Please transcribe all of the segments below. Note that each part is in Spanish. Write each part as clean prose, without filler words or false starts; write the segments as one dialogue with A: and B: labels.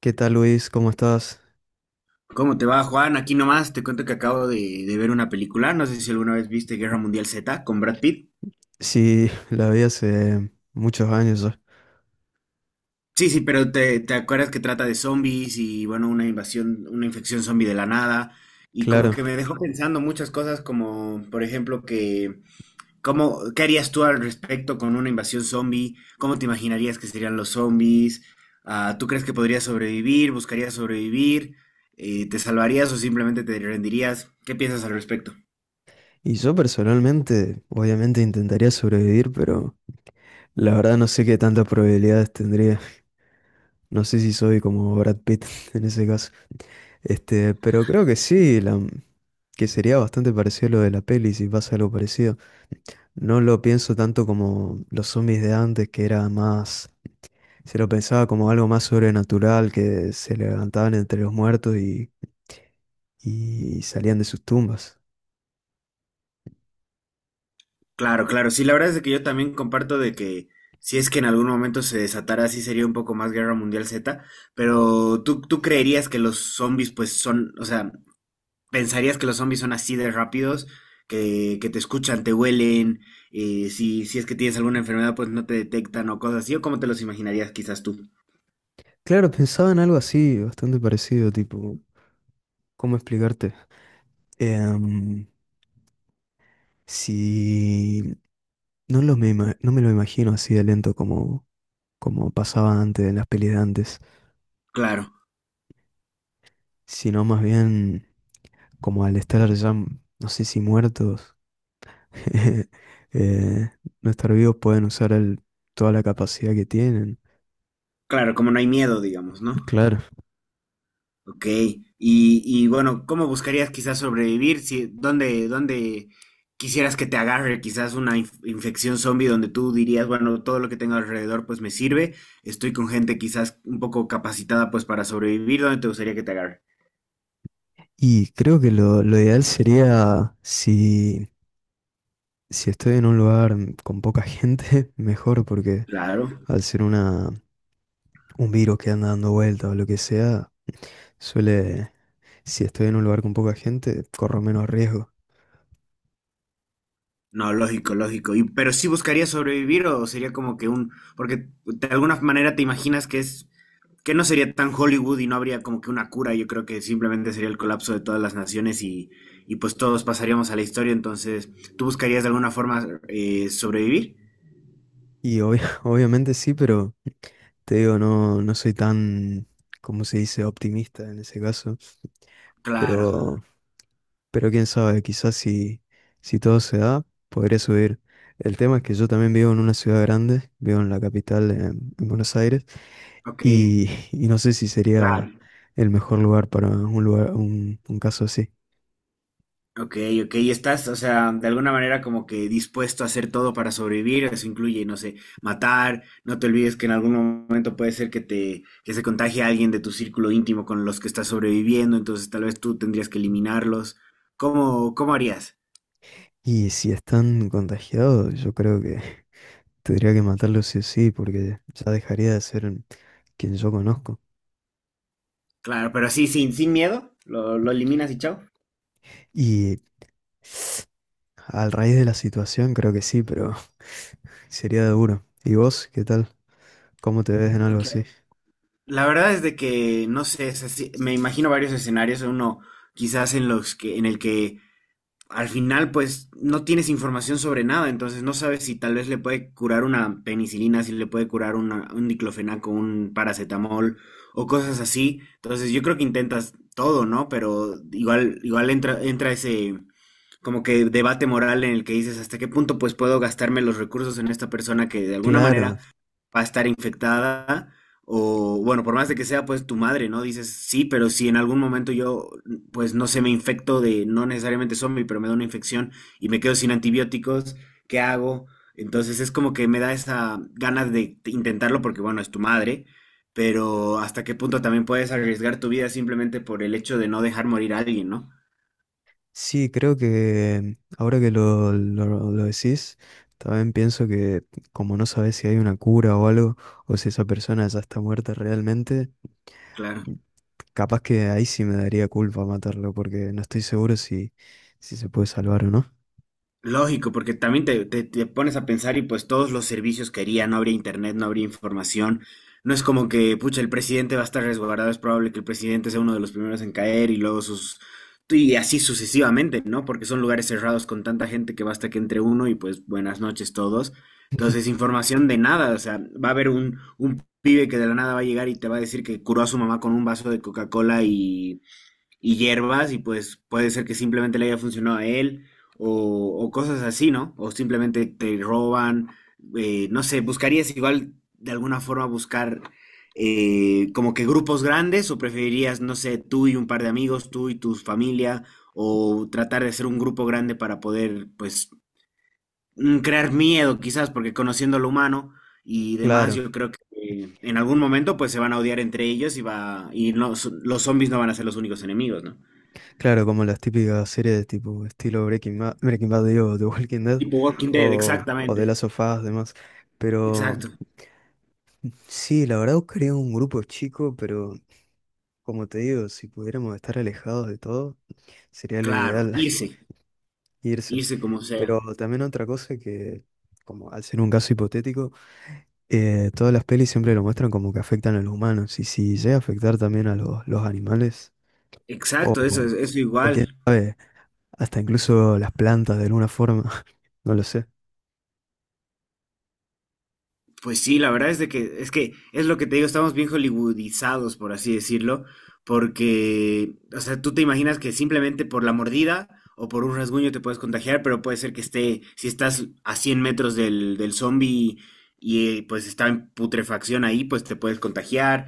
A: ¿Qué tal, Luis? ¿Cómo estás?
B: ¿Cómo te va, Juan? Aquí nomás te cuento que acabo de ver una película. No sé si alguna vez viste Guerra Mundial Z con Brad Pitt.
A: Sí, la vi hace muchos años ya,
B: Sí, sí, pero te acuerdas que trata de zombies y, bueno, una invasión, una infección zombie de la nada. Y como
A: claro.
B: que me dejó pensando muchas cosas, como, por ejemplo, que, ¿cómo, qué harías tú al respecto con una invasión zombie? ¿Cómo te imaginarías que serían los zombies? Ah, ¿tú crees que podrías sobrevivir? ¿Buscarías sobrevivir? ¿Te salvarías o simplemente te rendirías? ¿Qué piensas al respecto?
A: Y yo personalmente, obviamente intentaría sobrevivir, pero la verdad no sé qué tantas probabilidades tendría. No sé si soy como Brad Pitt en ese caso. Este, pero creo que sí, que sería bastante parecido a lo de la peli si pasa algo parecido. No lo pienso tanto como los zombies de antes, que era más, se lo pensaba como algo más sobrenatural, que se levantaban entre los muertos y salían de sus tumbas.
B: Claro, claro. Sí, la verdad es de que yo también comparto de que si es que en algún momento se desatara, sí sería un poco más Guerra Mundial Z, pero ¿tú creerías que los zombies pues son, o sea, pensarías que los zombies son así de rápidos, que te escuchan, te huelen, si es que tienes alguna enfermedad pues no te detectan o cosas así, o cómo te los imaginarías quizás tú?
A: Claro, pensaba en algo así, bastante parecido, tipo, ¿cómo explicarte? Em, si no, no me lo imagino así de lento como, como pasaba antes en las pelis de antes,
B: Claro,
A: sino más bien, como al estar ya, no sé si muertos, eh, no estar vivos pueden usar toda la capacidad que tienen.
B: claro, como no hay miedo, digamos, ¿no?
A: Claro.
B: Ok, y bueno, ¿cómo buscarías quizás sobrevivir? Si, ¿dónde quisieras que te agarre quizás una infección zombie donde tú dirías, bueno, todo lo que tengo alrededor pues me sirve, estoy con gente quizás un poco capacitada pues para sobrevivir, ¿dónde te gustaría que te agarre?
A: Y creo que lo ideal sería si, si estoy en un lugar con poca gente, mejor, porque
B: Claro,
A: al ser un virus que anda dando vueltas o lo que sea, suele, si estoy en un lugar con poca gente, corro menos riesgo.
B: no, lógico, lógico. Y, pero sí buscarías sobrevivir o sería como que un, porque de alguna manera te imaginas que es que no sería tan Hollywood y no habría como que una cura, yo creo que simplemente sería el colapso de todas las naciones y pues todos pasaríamos a la historia, entonces tú buscarías de alguna forma sobrevivir.
A: Y obviamente sí, pero te digo, no, no soy tan, como se dice?, optimista en ese caso.
B: Claro,
A: Pero, pero quién sabe, quizás si, si todo se da, podré subir. El tema es que yo también vivo en una ciudad grande, vivo en la capital, en Buenos Aires,
B: ok,
A: y y no sé si sería
B: claro.
A: el mejor lugar para un lugar, un caso así.
B: Ok, ok, y estás, o sea, de alguna manera como que dispuesto a hacer todo para sobrevivir, eso incluye, no sé, matar, no te olvides que en algún momento puede ser que te, que se contagie alguien de tu círculo íntimo con los que estás sobreviviendo, entonces tal vez tú tendrías que eliminarlos. ¿Cómo, cómo harías?
A: Y si están contagiados, yo creo que tendría que matarlos sí o sí, porque ya dejaría de ser quien yo conozco.
B: Claro, pero sí, sin, sin miedo, lo eliminas y chao.
A: Y al raíz de la situación, creo que sí, pero sería duro. ¿Y vos, qué tal? ¿Cómo te ves en
B: Pucha.
A: algo
B: Porque
A: así?
B: la verdad es de que, no sé, me imagino varios escenarios, uno quizás en los que, en el que al final pues no tienes información sobre nada, entonces no sabes si tal vez le puede curar una penicilina, si le puede curar un diclofenaco, un paracetamol o cosas así. Entonces yo creo que intentas todo, ¿no? Pero igual, igual entra, entra ese, como que debate moral en el que dices hasta qué punto pues puedo gastarme los recursos en esta persona que de alguna
A: Claro.
B: manera va a estar infectada o bueno, por más de que sea pues tu madre, ¿no? Dices, sí, pero si en algún momento yo pues no sé, me infecto de no necesariamente zombie, pero me da una infección y me quedo sin antibióticos, ¿qué hago? Entonces es como que me da esa ganas de intentarlo porque bueno, es tu madre, pero hasta qué punto también puedes arriesgar tu vida simplemente por el hecho de no dejar morir a alguien, ¿no?
A: Sí, creo que ahora que lo decís, también pienso que como no sabes si hay una cura o algo, o si esa persona ya está muerta realmente,
B: Claro.
A: capaz que ahí sí me daría culpa matarlo, porque no estoy seguro si, si se puede salvar o no.
B: Lógico, porque también te, te pones a pensar y pues todos los servicios que haría, no habría internet, no habría información. No es como que, pucha, el presidente va a estar resguardado, es probable que el presidente sea uno de los primeros en caer y luego sus... Y así sucesivamente, ¿no? Porque son lugares cerrados con tanta gente que basta que entre uno y pues buenas noches todos. Entonces, información de nada, o sea, va a haber un pibe que de la nada va a llegar y te va a decir que curó a su mamá con un vaso de Coca-Cola y hierbas y pues puede ser que simplemente le haya funcionado a él o cosas así, ¿no? O simplemente te roban, no sé, ¿buscarías igual de alguna forma buscar como que grupos grandes o preferirías, no sé, tú y un par de amigos, tú y tu familia o tratar de hacer un grupo grande para poder pues crear miedo quizás porque conociendo lo humano y demás
A: Claro,
B: yo creo que en algún momento pues se van a odiar entre ellos y va y no, los zombies no van a ser los únicos enemigos, ¿no?
A: claro, como las típicas series de tipo estilo Breaking Bad, digo, The Walking Dead
B: Tipo Walking Dead,
A: o The
B: exactamente.
A: Last of Us, demás. Pero
B: Exacto.
A: sí, la verdad buscaría un grupo chico, pero como te digo, si pudiéramos estar alejados de todo. Sería lo
B: Claro,
A: ideal.
B: irse,
A: Irse.
B: irse como sea.
A: Pero también otra cosa que, como al ser un caso hipotético, todas las pelis siempre lo muestran como que afectan a los humanos. Y si llega a afectar también a los animales, o,
B: Exacto, eso es eso
A: o quién
B: igual.
A: sabe, hasta incluso las plantas de alguna forma, no lo sé.
B: Pues sí, la verdad es de que es lo que te digo, estamos bien hollywoodizados, por así decirlo, porque o sea, tú te imaginas que simplemente por la mordida o por un rasguño te puedes contagiar, pero puede ser que esté si estás a 100 metros del zombie y pues está en putrefacción ahí, pues te puedes contagiar.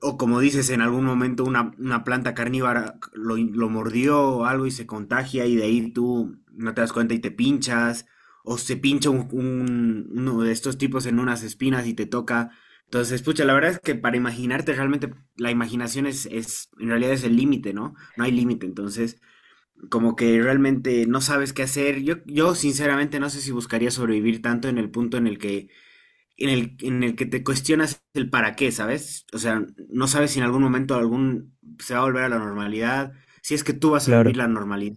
B: O como dices, en algún momento una planta carnívora lo mordió o algo y se contagia y de ahí tú no te das cuenta y te pinchas. O se pincha uno de estos tipos en unas espinas y te toca. Entonces, pucha, la verdad es que para imaginarte realmente, la imaginación es en realidad es el límite, ¿no? No hay límite. Entonces, como que realmente no sabes qué hacer. Yo sinceramente no sé si buscaría sobrevivir tanto en el punto en el que te cuestionas el para qué, ¿sabes? O sea, no sabes si en algún momento algún se va a volver a la normalidad, si es que tú vas a vivir
A: Claro,
B: la normalidad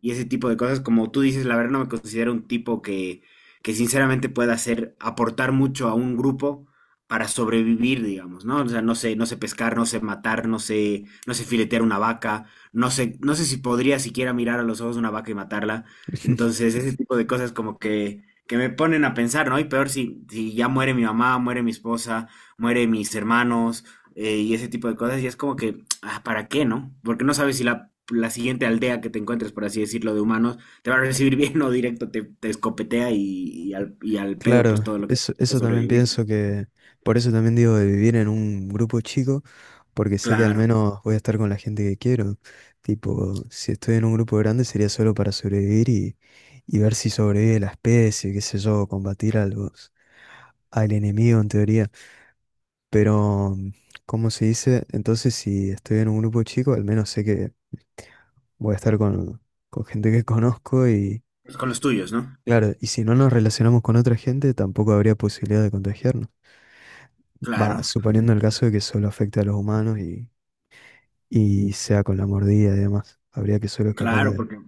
B: y ese tipo de cosas. Como tú dices, la verdad no me considero un tipo que sinceramente pueda hacer, aportar mucho a un grupo para sobrevivir, digamos, ¿no? O sea, no sé, no sé pescar, no sé matar, no sé, no sé filetear una vaca, no sé, no sé si podría siquiera mirar a los ojos de una vaca y matarla. Entonces, ese tipo de cosas como que me ponen a pensar, ¿no? Y peor si, si ya muere mi mamá, muere mi esposa, muere mis hermanos y ese tipo de cosas. Y es como que, ah, ¿para qué, no? Porque no sabes si la, la siguiente aldea que te encuentres, por así decirlo, de humanos, te va a recibir bien o directo te, te escopetea y al pedo, pues
A: claro,
B: todo lo que haces
A: eso,
B: por
A: eso también
B: sobrevivir.
A: pienso que, por eso también digo de vivir en un grupo chico. Porque sé que al
B: Claro,
A: menos voy a estar con la gente que quiero. Tipo, si estoy en un grupo grande sería solo para sobrevivir y ver si sobrevive la especie, qué sé yo, combatir a los, al enemigo en teoría. Pero, ¿cómo se dice? Entonces, si estoy en un grupo chico, al menos sé que voy a estar con gente que conozco y,
B: pues, con los tuyos, ¿no?
A: claro, y si no nos relacionamos con otra gente, tampoco habría posibilidad de contagiarnos.
B: Claro,
A: Va, suponiendo el caso de que solo afecte a los humanos y sea con la mordida y demás. Habría que solo escapar
B: claro, porque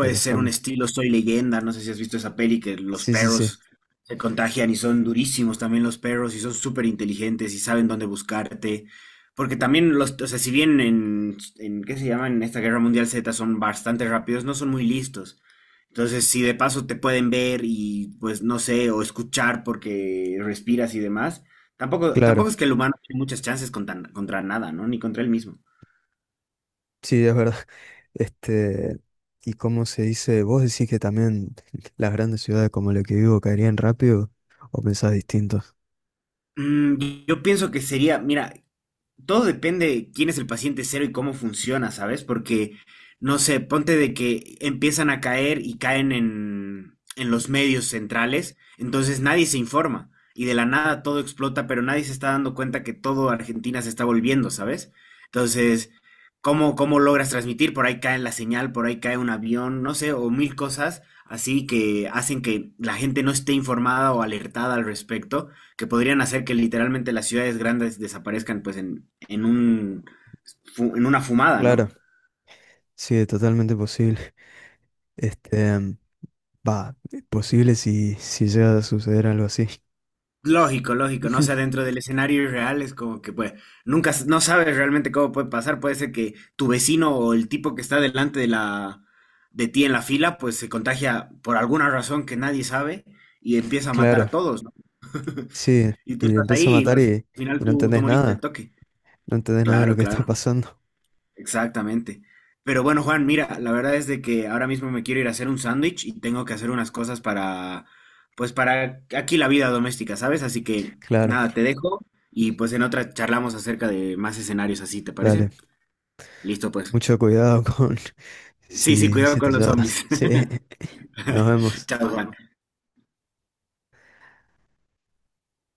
A: de los
B: ser un
A: hombres.
B: estilo Soy Leyenda, no sé si has visto esa peli que los
A: Sí, sí, sí,
B: perros se contagian y son durísimos también los perros y son súper inteligentes y saben dónde buscarte. Porque también los, o sea, si bien en, ¿qué se llama? En esta Guerra Mundial Z son bastante rápidos, no son muy listos. Entonces, si de paso te pueden ver y pues no sé, o escuchar porque respiras y demás, tampoco,
A: claro,
B: tampoco es que el humano tiene muchas chances contra, contra nada, ¿no? Ni contra él mismo.
A: sí, es verdad. Este, y cómo se dice, ¿vos decís que también las grandes ciudades como la que vivo caerían rápido o pensás distinto?
B: Mm, yo pienso que sería, mira, todo depende de quién es el paciente cero y cómo funciona, ¿sabes? Porque, no sé, ponte de que empiezan a caer y caen en los medios centrales, entonces nadie se informa y de la nada todo explota, pero nadie se está dando cuenta que todo Argentina se está volviendo, ¿sabes? Entonces, ¿cómo, cómo logras transmitir? Por ahí cae la señal, por ahí cae un avión, no sé, o mil cosas así que hacen que la gente no esté informada o alertada al respecto que podrían hacer que literalmente las ciudades grandes desaparezcan pues en, un, en una fumada, ¿no?
A: Claro, sí, es totalmente posible. Este, va, posible si, si llega a suceder algo así.
B: Lógico, lógico, ¿no? O sea, dentro del escenario irreal es como que, pues, nunca, no sabes realmente cómo puede pasar. Puede ser que tu vecino o el tipo que está delante de la, de ti en la fila, pues se contagia por alguna razón que nadie sabe y empieza a matar a
A: Claro,
B: todos, ¿no?
A: sí,
B: Y tú
A: y le
B: estás
A: empiezo a
B: ahí y
A: matar
B: al final
A: y no
B: tú, tú
A: entendés
B: moriste el
A: nada,
B: toque.
A: no entendés nada de lo
B: Claro,
A: que está
B: claro.
A: pasando.
B: Exactamente. Pero bueno, Juan, mira, la verdad es de que ahora mismo me quiero ir a hacer un sándwich y tengo que hacer unas cosas para, pues para aquí la vida doméstica, ¿sabes? Así que
A: Claro,
B: nada, te dejo y pues en otra charlamos acerca de más escenarios así, ¿te parece?
A: dale,
B: Listo, pues.
A: mucho cuidado con,
B: Sí, sí,
A: sí,
B: cuidado
A: sí te
B: con los
A: llevas.
B: zombies.
A: Sí, nos vemos.
B: Chao, Juan.